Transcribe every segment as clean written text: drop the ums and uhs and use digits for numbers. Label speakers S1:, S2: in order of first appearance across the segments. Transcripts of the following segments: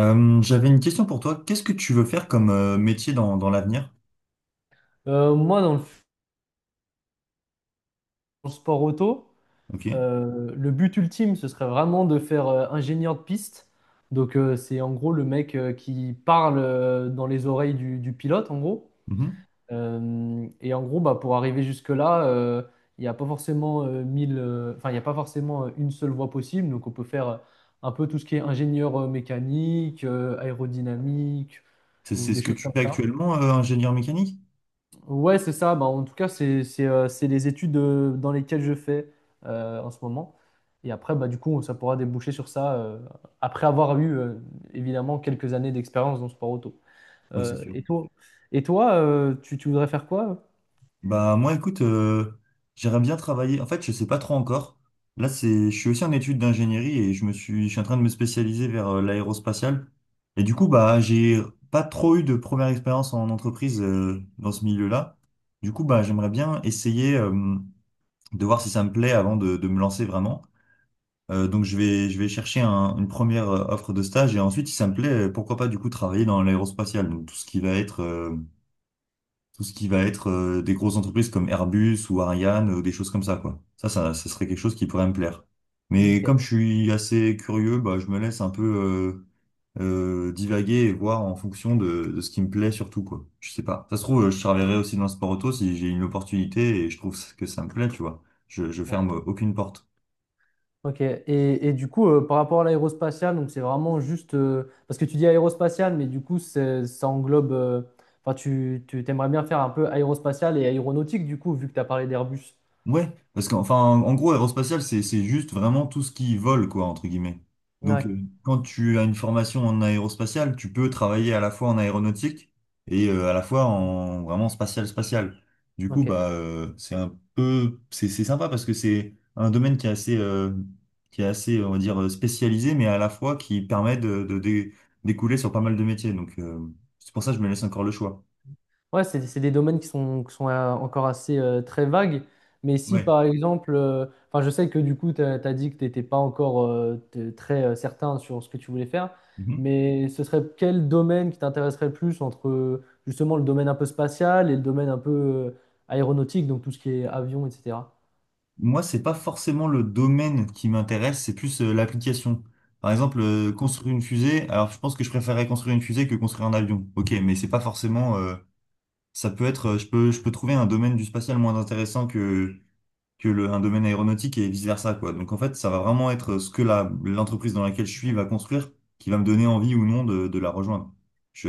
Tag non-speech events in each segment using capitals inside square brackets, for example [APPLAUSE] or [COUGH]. S1: J'avais une question pour toi. Qu'est-ce que tu veux faire comme métier dans l'avenir?
S2: Moi, dans le sport auto,
S1: Ok.
S2: le but ultime, ce serait vraiment de faire, ingénieur de piste. Donc, c'est en gros le mec, qui parle, dans les oreilles du pilote, en gros.
S1: Mhm.
S2: Et en gros, bah, pour arriver jusque-là, il n'y a pas forcément, il n'y a pas forcément, une seule voie possible. Donc, on peut faire, un peu tout ce qui est ingénieur, mécanique, aérodynamique ou
S1: C'est
S2: des
S1: ce que
S2: choses
S1: tu
S2: comme
S1: fais
S2: ça.
S1: actuellement, ingénieur mécanique?
S2: Ouais, c'est ça. Bah, en tout cas, c'est les études, dans lesquelles je fais, en ce moment. Et après, bah, du coup, ça pourra déboucher sur ça, après avoir eu, évidemment quelques années d'expérience dans le sport auto.
S1: Ouais, c'est
S2: Euh,
S1: sûr.
S2: et toi, et toi, tu voudrais faire quoi?
S1: Bah moi, écoute, j'aimerais bien travailler. En fait, je sais pas trop encore. Là, je suis aussi en études d'ingénierie et je suis en train de me spécialiser vers l'aérospatiale. Et du coup, bah j'ai pas trop eu de première expérience en entreprise dans ce milieu-là. Du coup, bah j'aimerais bien essayer de voir si ça me plaît avant de me lancer vraiment. Donc je vais chercher une première offre de stage et ensuite, si ça me plaît, pourquoi pas du coup travailler dans l'aérospatiale. Donc tout ce qui va être, tout ce qui va être des grosses entreprises comme Airbus ou Ariane ou des choses comme ça, quoi. Ça serait quelque chose qui pourrait me plaire. Mais
S2: Ok.
S1: comme je suis assez curieux, bah, je me laisse un peu divaguer et voir en fonction de ce qui me plaît surtout, quoi. Je sais pas. Ça se trouve, je travaillerai aussi dans le sport auto si j'ai une opportunité et je trouve que ça me plaît, tu vois. Je
S2: Ouais.
S1: ferme aucune porte.
S2: Ok. Et du coup, par rapport à l'aérospatiale, donc c'est vraiment juste, parce que tu dis aérospatiale, mais du coup, ça englobe. Enfin, tu aimerais bien faire un peu aérospatiale et aéronautique, du coup, vu que tu as parlé d'Airbus.
S1: Ouais, parce qu'enfin, en en gros, aérospatial, c'est juste vraiment tout ce qui vole, quoi, entre guillemets. Donc,
S2: Ouais.
S1: euh, quand tu as une formation en aérospatial, tu peux travailler à la fois en aéronautique et à la fois en vraiment spatial, spatial. Du coup,
S2: Ok.
S1: c'est un peu, c'est sympa parce que c'est un domaine qui est assez, on va dire, spécialisé, mais à la fois qui permet de découler sur pas mal de métiers. Donc, c'est pour ça que je me laisse encore le choix.
S2: Ouais, c'est des domaines qui sont, encore assez, très vagues. Mais si
S1: Ouais.
S2: par exemple, enfin, je sais que du coup, tu as dit que tu n'étais pas encore, très, certain sur ce que tu voulais faire, mais ce serait quel domaine qui t'intéresserait le plus entre, justement le domaine un peu spatial et le domaine un peu, aéronautique, donc tout ce qui est avion, etc.
S1: Moi, c'est pas forcément le domaine qui m'intéresse, c'est plus l'application. Par exemple, construire une fusée. Alors, je pense que je préférerais construire une fusée que construire un avion. Ok, mais c'est pas forcément. Ça peut être. Je je peux trouver un domaine du spatial moins intéressant que le, un domaine aéronautique et vice-versa, quoi. Donc en fait, ça va vraiment être ce que l'entreprise dans laquelle je suis va construire qui va me donner envie ou non de la rejoindre.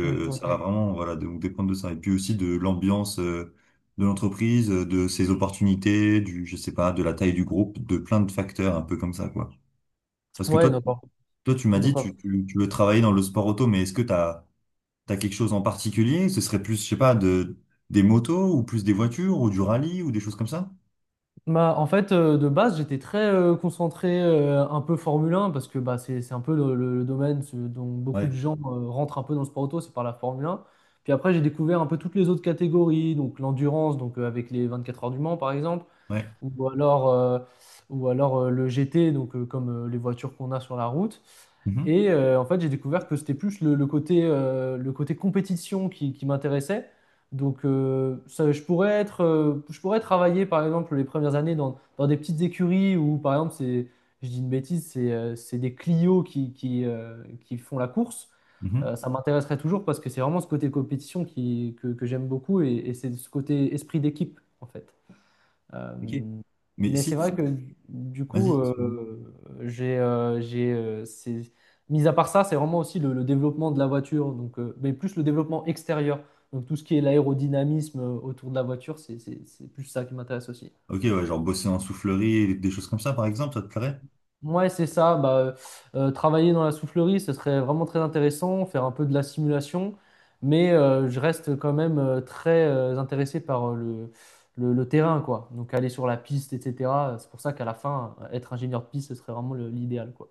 S2: Ouais. Hmm, ok.
S1: Ça va vraiment voilà, donc dépendre de ça. Et puis aussi de l'ambiance de l'entreprise, de ses opportunités, du, je sais pas, de la taille du groupe, de plein de facteurs un peu comme ça, quoi. Parce que
S2: Ouais,
S1: toi, toi tu m'as dit, tu,
S2: d'accord.
S1: tu, tu veux travailler dans le sport auto, mais est-ce que tu as quelque chose en particulier? Ce serait plus, je sais pas, des motos ou plus des voitures ou du rallye ou des choses comme ça?
S2: Bah, en fait, de base, j'étais très, concentré, un peu Formule 1, parce que bah, c'est un peu le domaine dont beaucoup de
S1: Ouais.
S2: gens, rentrent un peu dans le sport auto, c'est par la Formule 1. Puis après, j'ai découvert un peu toutes les autres catégories, donc l'endurance, donc, avec les 24 heures du Mans par exemple,
S1: Ouais.
S2: ou alors, euh, ou alors, le GT, donc, comme, les voitures qu'on a sur la route.
S1: Mhm.
S2: Et, en fait, j'ai découvert que c'était plus le côté compétition qui m'intéressait. Donc, ça, je pourrais travailler, par exemple, les premières années dans des petites écuries où, par exemple, c'est, je dis une bêtise, c'est des Clio, qui font la course.
S1: Mhm.
S2: Ça m'intéresserait toujours parce que c'est vraiment ce côté compétition que j'aime beaucoup et c'est ce côté esprit d'équipe, en fait. Euh,
S1: Ok. Mais
S2: mais c'est
S1: si,
S2: vrai
S1: si.
S2: que du
S1: Vas-y,
S2: coup,
S1: excuse-moi.
S2: j'ai, euh, j'ai, euh, c'est- mis à part ça, c'est vraiment aussi le développement de la voiture, donc, mais plus le développement extérieur. Donc tout ce qui est l'aérodynamisme, autour de la voiture, c'est plus ça qui m'intéresse aussi.
S1: Ok, ouais, genre bosser en soufflerie, des choses comme ça, par exemple, ça te plairait?
S2: Ouais, c'est ça. Bah, travailler dans la soufflerie, ce serait vraiment très intéressant, faire un peu de la simulation, mais, je reste quand même, très, intéressé par, le terrain, quoi. Donc aller sur la piste, etc. C'est pour ça qu'à la fin, être ingénieur de piste, ce serait vraiment l'idéal, quoi.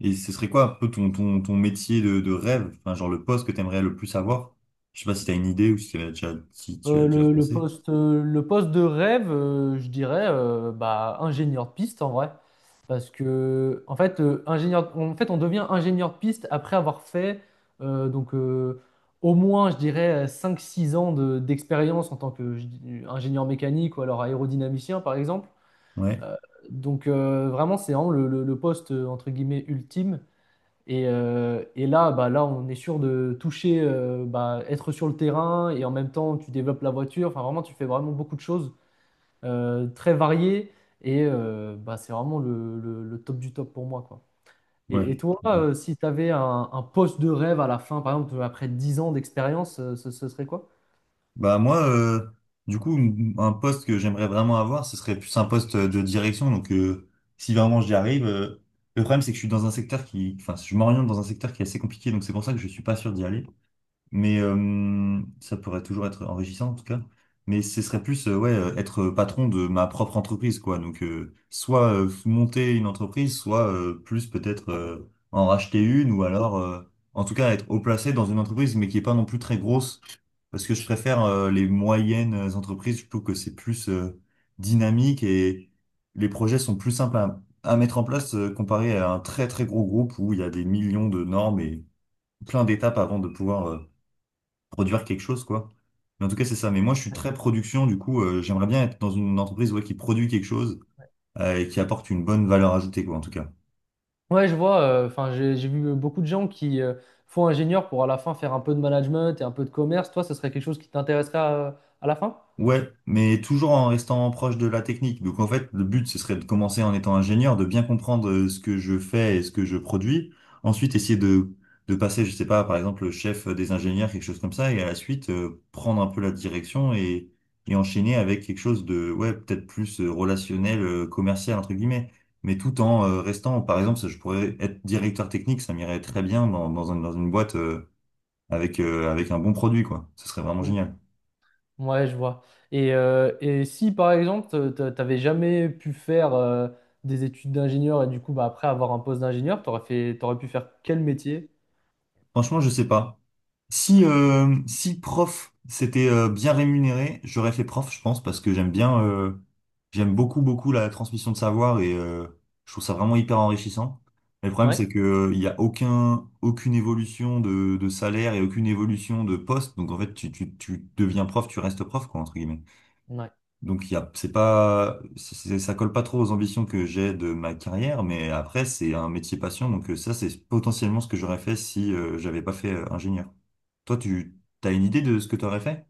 S1: Et ce serait quoi un peu ton métier de rêve? Enfin, genre le poste que t'aimerais le plus avoir? Je sais pas si t'as une idée ou si, si tu as déjà pensé.
S2: Le poste de rêve, je dirais, bah, ingénieur de piste en vrai. Parce que, en fait, en fait, on devient ingénieur de piste après avoir fait, euh, donc, euh, au moins, je dirais, cinq six ans d'expérience en tant qu'ingénieur mécanique ou alors aérodynamicien, par exemple.
S1: Ouais,
S2: Euh, Vraiment, c'est vraiment le poste, entre guillemets, ultime. Et là, bah, là, on est sûr de toucher, bah, être sur le terrain et en même temps, tu développes la voiture. Enfin, vraiment, tu fais vraiment beaucoup de choses, très variées et, bah, c'est vraiment le top du top pour moi, quoi.
S1: ouais,
S2: Et
S1: je
S2: toi,
S1: comprends.
S2: si tu avais un poste de rêve à la fin, par exemple, après 10 ans d'expérience, ce serait quoi?
S1: Bah moi, du coup, un poste que j'aimerais vraiment avoir, ce serait plus un poste de direction. Donc, si vraiment j'y arrive, le problème c'est que je suis dans un secteur qui, enfin, je m'oriente dans un secteur qui est assez compliqué, donc c'est pour ça que je suis pas sûr d'y aller. Mais ça pourrait toujours être enrichissant en tout cas. Mais ce serait plus être patron de ma propre entreprise, quoi. Donc soit monter une entreprise, soit plus peut-être en racheter une, ou alors en tout cas être haut placé dans une entreprise, mais qui est pas non plus très grosse. Parce que je préfère les moyennes entreprises, je trouve que c'est plus dynamique et les projets sont plus simples à mettre en place comparé à un très très gros groupe où il y a des millions de normes et plein d'étapes avant de pouvoir. Produire quelque chose, quoi. Mais en tout cas, c'est ça. Mais moi, je suis très production, du coup, j'aimerais bien être dans une entreprise ouais, qui produit quelque chose et qui apporte une bonne valeur ajoutée, quoi, en tout cas.
S2: Ouais, je vois. Enfin, j'ai vu beaucoup de gens qui, font ingénieur pour à la fin faire un peu de management et un peu de commerce. Toi, ce serait quelque chose qui t'intéresserait à la fin?
S1: Ouais, mais toujours en restant proche de la technique. Donc en fait, le but, ce serait de commencer en étant ingénieur, de bien comprendre ce que je fais et ce que je produis. Ensuite, essayer de passer, je sais pas, par exemple, chef des ingénieurs, quelque chose comme ça, et à la suite, prendre un peu la direction et enchaîner avec quelque chose de, ouais, peut-être plus relationnel, commercial, entre guillemets. Mais tout en restant, par exemple, ça, je pourrais être directeur technique, ça m'irait très bien dans dans une boîte avec, avec un bon produit, quoi. Ce serait vraiment génial.
S2: Ouais, je vois. Et si par exemple, t'avais jamais pu faire, des études d'ingénieur, et du coup, bah, après avoir un poste d'ingénieur, t'aurais pu faire quel métier?
S1: Franchement, je sais pas. Si, si prof, c'était bien rémunéré, j'aurais fait prof, je pense, parce que j'aime bien, j'aime beaucoup, beaucoup la transmission de savoir et je trouve ça vraiment hyper enrichissant. Mais le problème, c'est
S2: Ouais.
S1: que il y a aucun, aucune évolution de salaire et aucune évolution de poste. Donc en fait, tu deviens prof, tu restes prof, quoi, entre guillemets.
S2: Ouais.
S1: Donc, il y a, c'est pas, ça colle pas trop aux ambitions que j'ai de ma carrière, mais après, c'est un métier passion. Donc, ça, c'est potentiellement ce que j'aurais fait si j'avais pas fait ingénieur. Toi, tu as une idée de ce que tu aurais fait?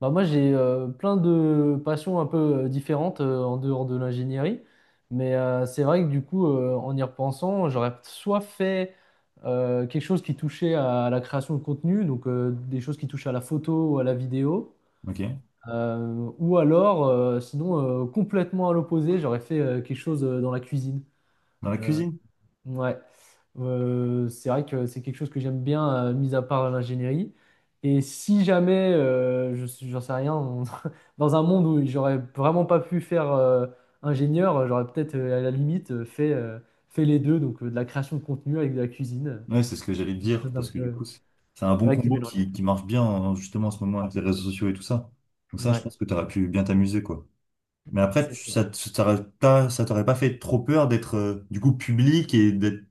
S2: Bah, moi, j'ai, plein de passions un peu, différentes, en dehors de l'ingénierie. Mais, c'est vrai que du coup, en y repensant, j'aurais soit fait, quelque chose qui touchait à la création de contenu, donc, des choses qui touchent à la photo ou à la vidéo.
S1: Ok.
S2: Euh, ou alors, sinon, complètement à l'opposé, j'aurais fait, quelque chose, dans la cuisine.
S1: Dans la
S2: Euh,
S1: cuisine?
S2: ouais. C'est vrai que c'est quelque chose que j'aime bien, mis à part l'ingénierie. Et si jamais, j'en sais rien, [LAUGHS] dans un monde où j'aurais vraiment pas pu faire, ingénieur, j'aurais peut-être, à la limite, fait les deux, donc, de la création de contenu avec de la cuisine,
S1: Ouais, c'est ce que j'allais te
S2: quelque
S1: dire,
S2: chose d'un
S1: parce que du
S2: peu,
S1: coup, c'est un bon
S2: ouais, qui
S1: combo
S2: mélange les
S1: qui marche bien, hein, justement, en ce moment, avec les réseaux sociaux et tout ça. Donc,
S2: deux.
S1: ça, je
S2: Ouais,
S1: pense que tu
S2: c'est
S1: aurais
S2: ça.
S1: pu bien t'amuser, quoi. Mais après,
S2: C'est ça.
S1: ça, ça t'aurait pas fait trop peur d'être, du coup, public et d'être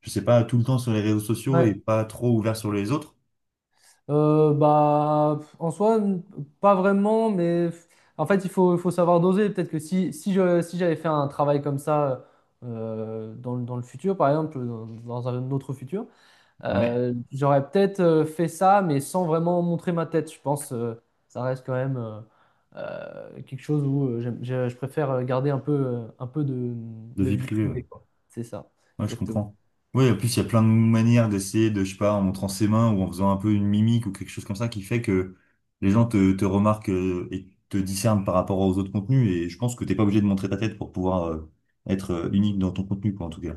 S1: je sais pas, tout le temps sur les réseaux sociaux
S2: Ouais.
S1: et pas trop ouvert sur les autres.
S2: Bah, pff, en soi, pas vraiment, mais pff, en fait, il faut savoir doser. Peut-être que si j'avais fait un travail comme ça, dans le futur, par exemple, dans un autre futur,
S1: Ouais,
S2: j'aurais peut-être, fait ça, mais sans vraiment montrer ma tête. Je pense, ça reste quand même, quelque chose où, je préfère garder un peu
S1: de
S2: de
S1: vie
S2: vie
S1: privée, ouais.
S2: privée, quoi. C'est ça,
S1: Ouais, je
S2: exactement.
S1: comprends. Oui, en plus, il y a plein de manières d'essayer de, je sais pas, en montrant ses mains ou en faisant un peu une mimique ou quelque chose comme ça qui fait que les gens te remarquent et te discernent par rapport aux autres contenus. Et je pense que t'es pas obligé de montrer ta tête pour pouvoir être unique dans ton contenu, quoi, en tout cas.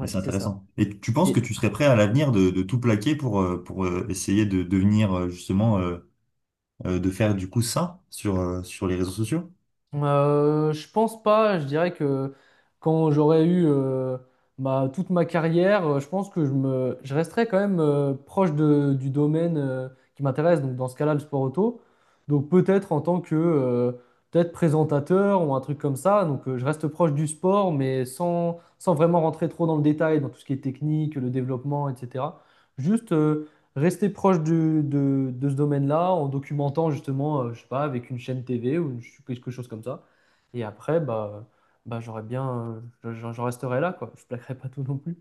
S1: Mais c'est
S2: c'est ça.
S1: intéressant. Et tu penses que tu serais prêt à l'avenir de tout plaquer pour, essayer de devenir justement, de faire du coup ça sur sur les réseaux sociaux?
S2: Je pense pas, je dirais que quand j'aurais eu, toute ma carrière, je pense que je resterais quand même, proche du domaine, qui m'intéresse, donc dans ce cas-là, le sport auto. Donc peut-être en tant que, peut-être présentateur ou un truc comme ça, donc, je reste proche du sport, mais sans vraiment rentrer trop dans le détail, dans tout ce qui est technique, le développement, etc. Juste, rester proche de ce domaine-là en documentant justement, je sais pas, avec une chaîne TV ou quelque chose comme ça. Et après, bah j'aurais bien, j'en resterai là, quoi. Je plaquerai pas tout non plus.